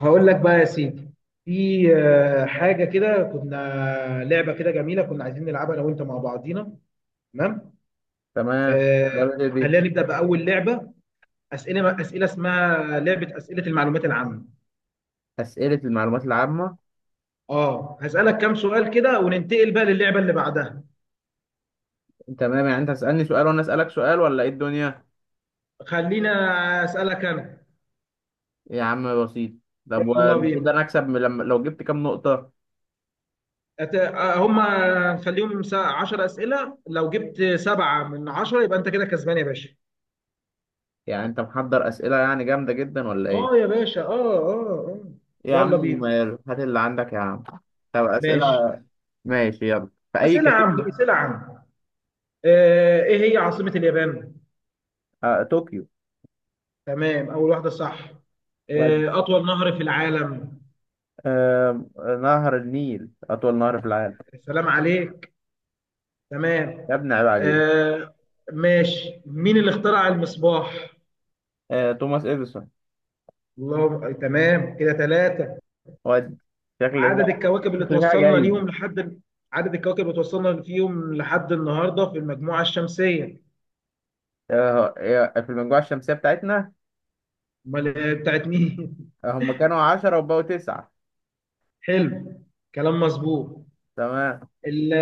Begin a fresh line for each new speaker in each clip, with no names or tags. هقول لك بقى يا سيدي. في حاجه كده، كنا لعبه كده جميله كنا عايزين نلعبها انا وانت مع بعضينا. تمام.
تمام.
آه،
برضه دي
خلينا نبدا باول لعبه. اسئله اسمها لعبه اسئله المعلومات العامه.
أسئلة المعلومات العامة.
اه هسالك كام سؤال كده، وننتقل بقى للعبه اللي بعدها.
تمام، يعني أنت هتسألني سؤال وأنا أسألك سؤال ولا إيه الدنيا؟
خلينا اسالك انا.
يا عم بسيط. طب
يلا
والمفروض
بينا.
أنا أكسب من لما لو جبت كام نقطة؟
أت- آه، هم خليهم 10 اسئله. لو جبت سبعه من 10 يبقى انت كده كسبان يا باشا.
يعني أنت محضر أسئلة يعني جامدة جدا ولا إيه؟
اه يا باشا، اه اه اه.
يا
يلا
عم
بينا.
ماله، هات اللي عندك يا عم. طب أسئلة.
ماشي.
ماشي، يلا في أي
اسئله عامه
كاتيجوري؟
اسئله عامه. ايه هي عاصمه اليابان؟
طوكيو.
تمام، اول واحده صح.
ود-
اطول نهر في العالم؟
آه، نهر النيل أطول نهر في العالم.
سلام عليك. تمام.
يا ابني عيب عليك.
آه، ماشي، مين اللي اخترع المصباح؟
توماس إديسون.
الله، تمام كده 3.
ود شكل
عدد
فيها
الكواكب اللي
شكل فيها
توصلنا
جايزة.
ليهم لحد، عدد الكواكب اللي توصلنا فيهم لحد النهارده في المجموعه الشمسيه.
في المجموعة الشمسية بتاعتنا.
امال بتاعت مين
هم كانوا 10 وبقوا 9.
حلو، كلام مظبوط.
تمام،
ال-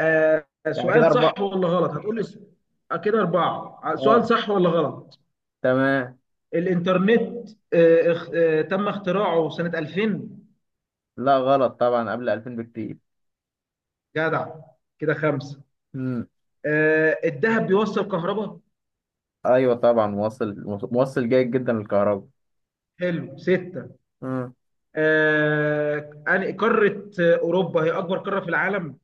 آه،
يعني كده
سؤال صح
أربعة.
ولا غلط، هتقول لي كده 4. سؤال
اه
صح ولا غلط.
تمام.
الإنترنت تم اختراعه سنة 2000.
لا غلط طبعا، قبل 2000 بكتير.
جدع، كده 5.
امم.
الذهب بيوصل كهرباء؟
ايوه طبعا موصل، موصل جيد جدا للكهرباء.
حلو، 6.
امم
آه، أنا- قارة آه، أوروبا هي أكبر قارة في العالم؟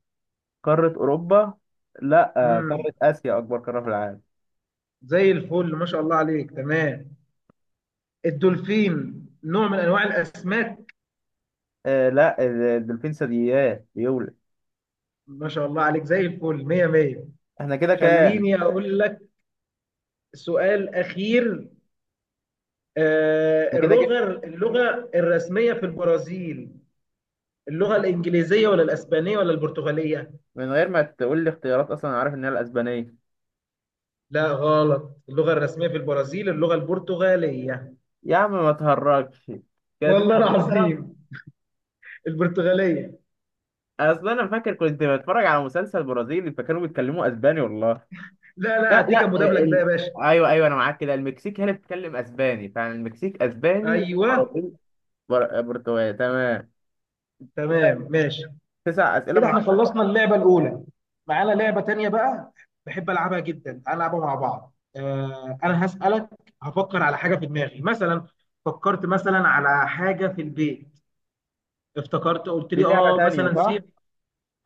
قارة أوروبا؟ لا،
مم.
قارة آسيا أكبر قارة في العالم.
زي الفل ما شاء الله عليك، تمام. الدولفين نوع من أنواع الأسماك؟
لا، الدولفين ثدييات بيولد.
ما شاء الله عليك زي الفل، مية مية.
احنا كده كام؟
خليني أقول سؤال اخير.
احنا كده
اللغه
جبت.
اللغه الرسميه في البرازيل، اللغه الانجليزيه ولا الاسبانيه ولا البرتغاليه؟
من غير ما تقول لي اختيارات أصلا أنا عارف إن هي الأسبانية.
لا غلط، اللغه الرسميه في البرازيل اللغه البرتغاليه.
يا عم ما تهرجش. كده
والله
9 من 10.
العظيم البرتغاليه.
أصل أنا فاكر كنت بتفرج على مسلسل برازيلي فكانوا بيتكلموا أسباني والله.
لا لا،
لا
هديك
لا
المدبلج ده يا باشا.
ايوه ايوه، انا معاك. كده المكسيك هي اللي بتتكلم اسباني، فعلا المكسيك اسباني،
ايوه.
برازيل برتغالي. تمام. كده
تمام ماشي.
تسع اسئله
كده
من
احنا
عشرة.
خلصنا اللعبه الاولى. معانا لعبه تانية بقى، بحب العبها جدا، تعال نلعبها مع بعض. انا هسالك، هفكر على حاجه في دماغي مثلا، فكرت مثلا على حاجه في البيت، افتكرت قلت
دي
لي
لعبه
اه
تانيه
مثلا
صح؟
سيف.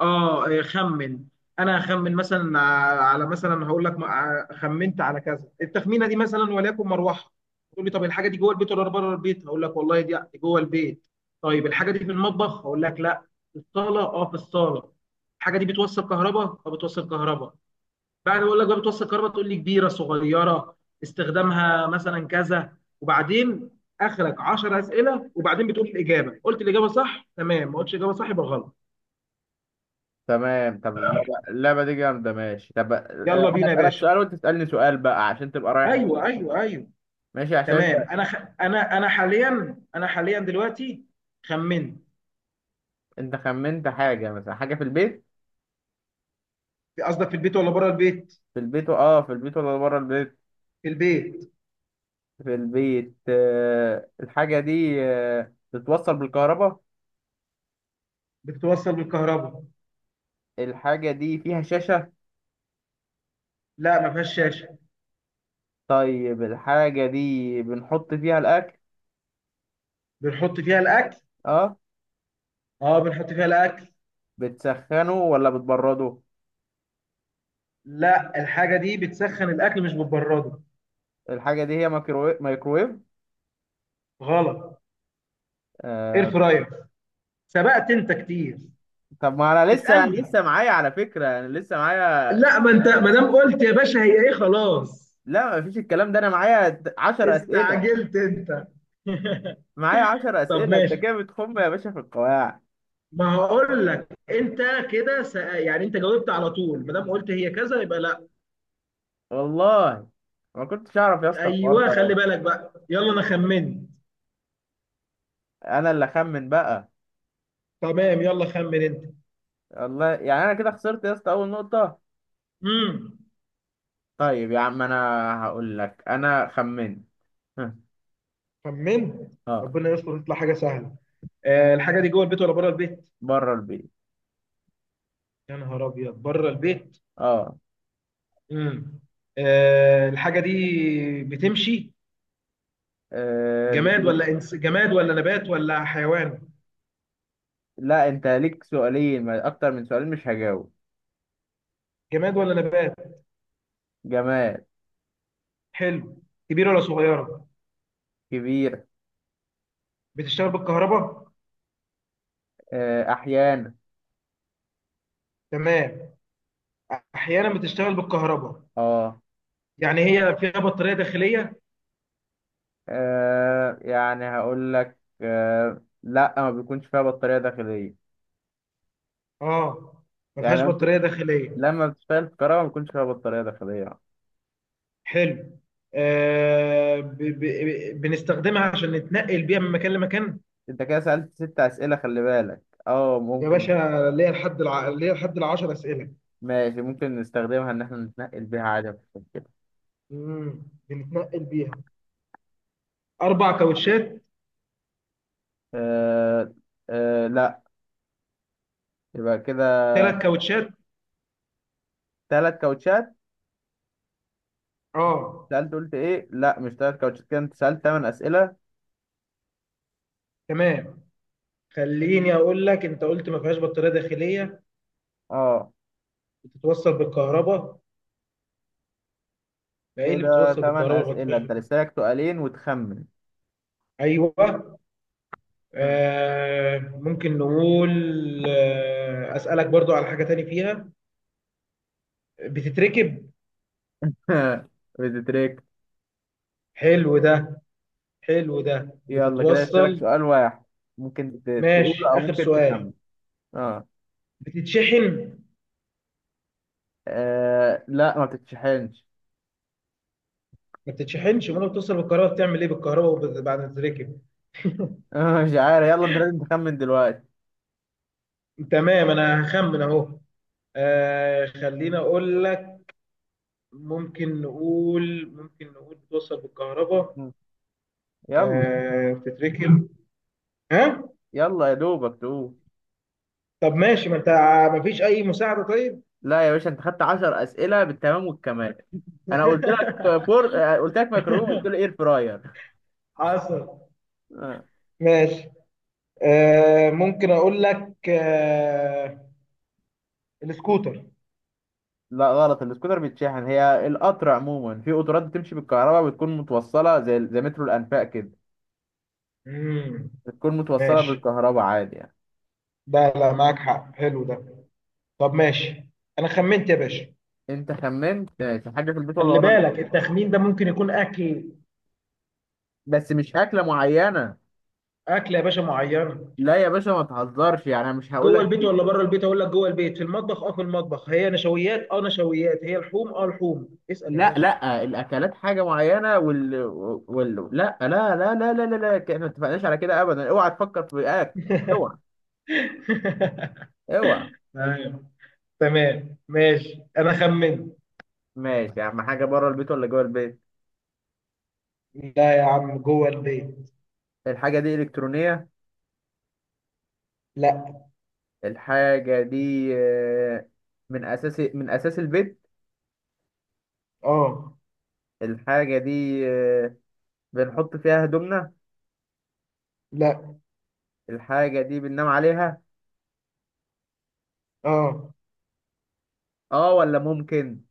اه إيه، خمن. انا هخمن مثلا على، مثلا هقول لك خمنت على كذا، التخمينه دي مثلا وليكن مروحه. تقول لي طب الحاجه دي جوه البيت ولا بره البيت، هقول لك والله دي جوه البيت. طيب الحاجه دي في المطبخ، هقول لك لا، في الصاله. اه، في الصاله. الحاجه دي بتوصل كهرباء، اه بتوصل كهرباء. بعد ما اقول لك بقى بتوصل كهرباء، تقول لي كبيره صغيره، استخدامها مثلا كذا، وبعدين اخرك 10 اسئله وبعدين بتقول الاجابه. قلت الاجابه صح تمام، ما قلتش الاجابه صح يبقى غلط.
تمام، طب اللعبة دي جامده. ماشي، طب
يلا
انا
بينا يا
اسالك
باشا.
سؤال وانت تسالني سؤال بقى عشان تبقى رايح
ايوه
جاي.
ايوه ايوه.
ماشي عشان انت.
تمام، انا انا حاليا دلوقتي خمنت.
انت خمنت حاجه، مثلا حاجه في البيت.
قصدك في البيت ولا بره البيت؟
في البيت في البيت ولا بره البيت؟
في البيت.
في البيت. الحاجه دي بتتوصل بالكهرباء.
بتتوصل بالكهرباء.
الحاجه دي فيها شاشه؟
لا ما فيهاش شاشه.
طيب الحاجة دي بنحط فيها الأكل.
بنحط فيها الاكل.
اه،
اه بنحط فيها الاكل.
بتسخنه ولا بتبرده؟
لا الحاجه دي بتسخن الاكل مش بتبرده.
الحاجة دي هي مايكروويف، مايكروويف.
غلط،
آه.
اير فراير. سبقت انت كتير،
طب ما أنا لسه أنا
اسالني.
لسه معايا على فكرة، أنا لسه معايا
لا ما انت
تحديدات.
ما دام قلت يا باشا هي ايه خلاص،
لا مفيش الكلام ده، أنا معايا عشر أسئلة.
استعجلت انت.
معايا عشر
طب
أسئلة. أنت
ماشي،
كده بتخم يا باشا في القواعد.
ما هقول لك انت. كده يعني انت جاوبت على طول، ما دام قلت هي كذا يبقى لا.
والله ما كنتش أعرف يا اسطى الحوار
ايوه،
ده.
خلي بالك بقى، يلا انا خمنت.
أنا اللي أخمن بقى.
تمام، يلا خمن انت.
والله يعني أنا كده خسرت يا اسطى أول نقطة.
امم.
طيب يا عم، أنا هقول لك أنا خمنت. ها.
خمنت.
آه.
ربنا يستر تطلع حاجه سهله. الحاجه دي جوه البيت ولا بره البيت؟
بره البيت.
يا نهار ابيض بره البيت.
اه.
امم. الحاجه دي بتمشي،
آه، بت...
جماد ولا نبات ولا حيوان؟
لا، انت ليك سؤالين، اكتر من سؤالين مش هجاوب.
جماد ولا نبات؟
جماد.
حلو. كبيره ولا صغيره؟
كبير.
بتشتغل بالكهرباء؟
احيانا.
تمام، احيانا بتشتغل بالكهرباء.
اه.
يعني هي فيها بطارية داخلية؟
يعني هقول لك، لا، ما بيكونش فيها بطارية داخلية.
اه، ما
يعني
فيهاش بطارية داخلية.
لما بتشتغل في كهرباء ما بيكونش فيها بطارية داخلية.
حلو. بنستخدمها عشان نتنقل بيها من مكان لمكان؟
انت كده سألت ست اسئلة، خلي بالك. اه
يا
ممكن.
باشا، ليا لحد الـ10 أسئلة.
ماشي، ممكن نستخدمها ان احنا نتنقل بيها عادي مفيش مشكلة.
امم. بنتنقل بيها. 4 كاوتشات؟
آه. لا. يبقى كده.
3 كاوتشات؟
ثلاث كاوتشات.
اه.
سألت، قلت ايه؟ لا، مش تلات كاوتشات. كده انت سألت تمن أسئلة.
تمام، خليني أقول لك، أنت قلت ما فيهاش بطارية داخلية،
اه.
بتتوصل بالكهرباء، ما إيه اللي
كده
بتتوصل
تمن
بالكهرباء ما
أسئلة،
فيهاش
انت
بطارية؟
لسه لك سؤالين وتخمن.
أيوه. ممكن نقول، أسألك برضو على حاجة تاني فيها، بتتركب.
بتتريك.
حلو ده، حلو ده،
يلا كده لسه
بتتوصل.
لك سؤال واحد. ممكن
ماشي،
تقوله او
آخر
ممكن
سؤال،
تخمن. اه,
بتتشحن؟
لا، ما بتتشحنش.
ما بتتشحنش، امال بتوصل بالكهرباء بتعمل ايه بالكهرباء، بعد ما تتركب؟
مش عارف، يلا انت لازم تخمن دلوقتي.
تمام، انا هخمن اهو. خلينا اقول لك، ممكن نقول، بتوصل بالكهرباء،
مم. يلا.
بتتركب، ها؟
يلا يا دوبك تقول.
طب ماشي، ما انت ما فيش اي مساعدة. طيب.
لا يا باشا، انت خدت 10 أسئلة بالتمام والكمال. انا قلت لك فور، قلت لك ميكروويف، قلت له اير فراير.
حصل. ماشي. ممكن اقول لك، السكوتر.
لا غلط، السكوتر بيتشحن. هي القطر عموما، في قطارات بتمشي بالكهرباء، بتكون متوصلة زي مترو الأنفاق كده.
مم.
بتكون متوصلة
ماشي.
بالكهرباء عادي يعني.
ده لا، معاك حق، حلو ده. طب ماشي. انا خمنت يا باشا.
انت خمنت ماشي، حاجة في البيت ولا
خلي
بره
بالك،
البيت؟
التخمين ده ممكن يكون اكل.
بس مش أكلة معينة.
اكل يا باشا معينه.
لا يا باشا ما تهزرش، يعني أنا مش هقول
جوه
لك.
البيت ولا بره البيت، اقول لك جوه البيت. في المطبخ، اه في المطبخ. هي نشويات، اه نشويات. هي لحوم، اه لحوم. اسال يا
لا
باشا.
لا، الأكلات حاجة معينة، لا لا. لا لا لا لا لا احنا ما اتفقناش على كده أبدا، اوعى تفكر في أكل. اوعى. اوعى.
ايوه. تمام ماشي، انا خمنت.
ماشي يا عم، حاجة بره البيت ولا جوه البيت؟
لا يا عم جوه البيت.
الحاجة دي إلكترونية؟
لا.
الحاجة دي آه، من أساس البيت.
اه.
الحاجة دي بنحط فيها هدومنا؟
لا.
الحاجة دي بننام عليها؟
اه.
اه، ولا ممكن.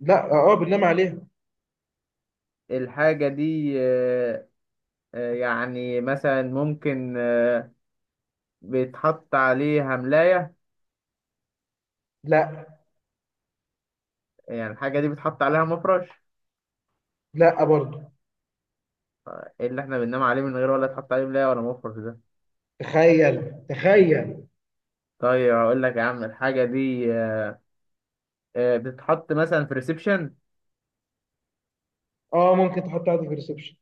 لا. اه. بننام عليها.
الحاجة دي يعني مثلا ممكن بيتحط عليها ملاية.
لا.
يعني الحاجة دي بيتحط عليها مفرش.
لا برضه.
إيه اللي احنا بننام عليه من غير ولا تحط عليه ملاية ولا مفرش ده؟
تخيل تخيل.
طيب أقول لك يا عم، الحاجة دي بتتحط مثلا في ريسبشن.
اه، ممكن تحط عادي في الريسبشن.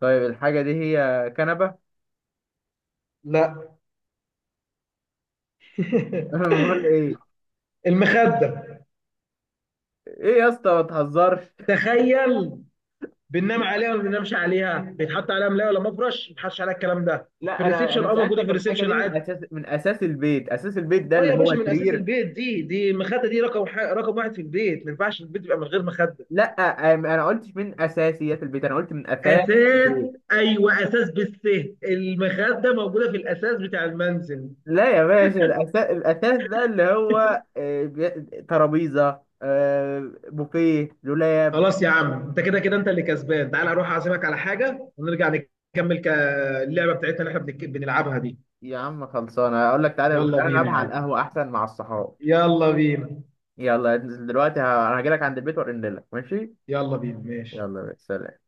طيب الحاجة دي هي كنبة.
لا.
امال ايه؟
المخدة.
ايه يا اسطى ما تهزرش.
تخيل. بننام عليها ولا ما بننامش عليها، بيتحط عليها ملاية ولا مفرش، ما بيتحطش عليها الكلام ده. في
لا انا
الريسبشن،
انا
اه موجودة في
سالتك الحاجه
الريسبشن
دي من
عادي.
اساس من اساس البيت، اساس البيت ده
اه
اللي
يا باشا،
هو
من اساس
سرير.
البيت، دي المخدة، دي رقم واحد في البيت، ما ينفعش البيت يبقى من غير مخدة.
لا انا قلتش من اساسيات البيت، انا قلت من اثاث
اساس.
البيت.
ايوه اساس بالس، المخدة موجودة في الاساس بتاع المنزل.
لا يا باشا، الاساس الاثاث ده اللي هو ترابيزه، بوفيه، دولاب.
خلاص يا عم، انت كده كده انت اللي كسبان، تعال اروح اعزمك على حاجه ونرجع نكمل ك- اللعبه بتاعتنا اللي احنا بنلعبها دي.
يا عم خلصانه، اقول لك تعالى
يلا
تعالى
بينا
نلعبها
يا
على
عم.
القهوه احسن مع الصحاب.
يلا بينا.
يلا ننزل دلوقتي، انا هجيلك عند البيت وارن لك ماشي.
يلا بينا ماشي.
يلا سلام.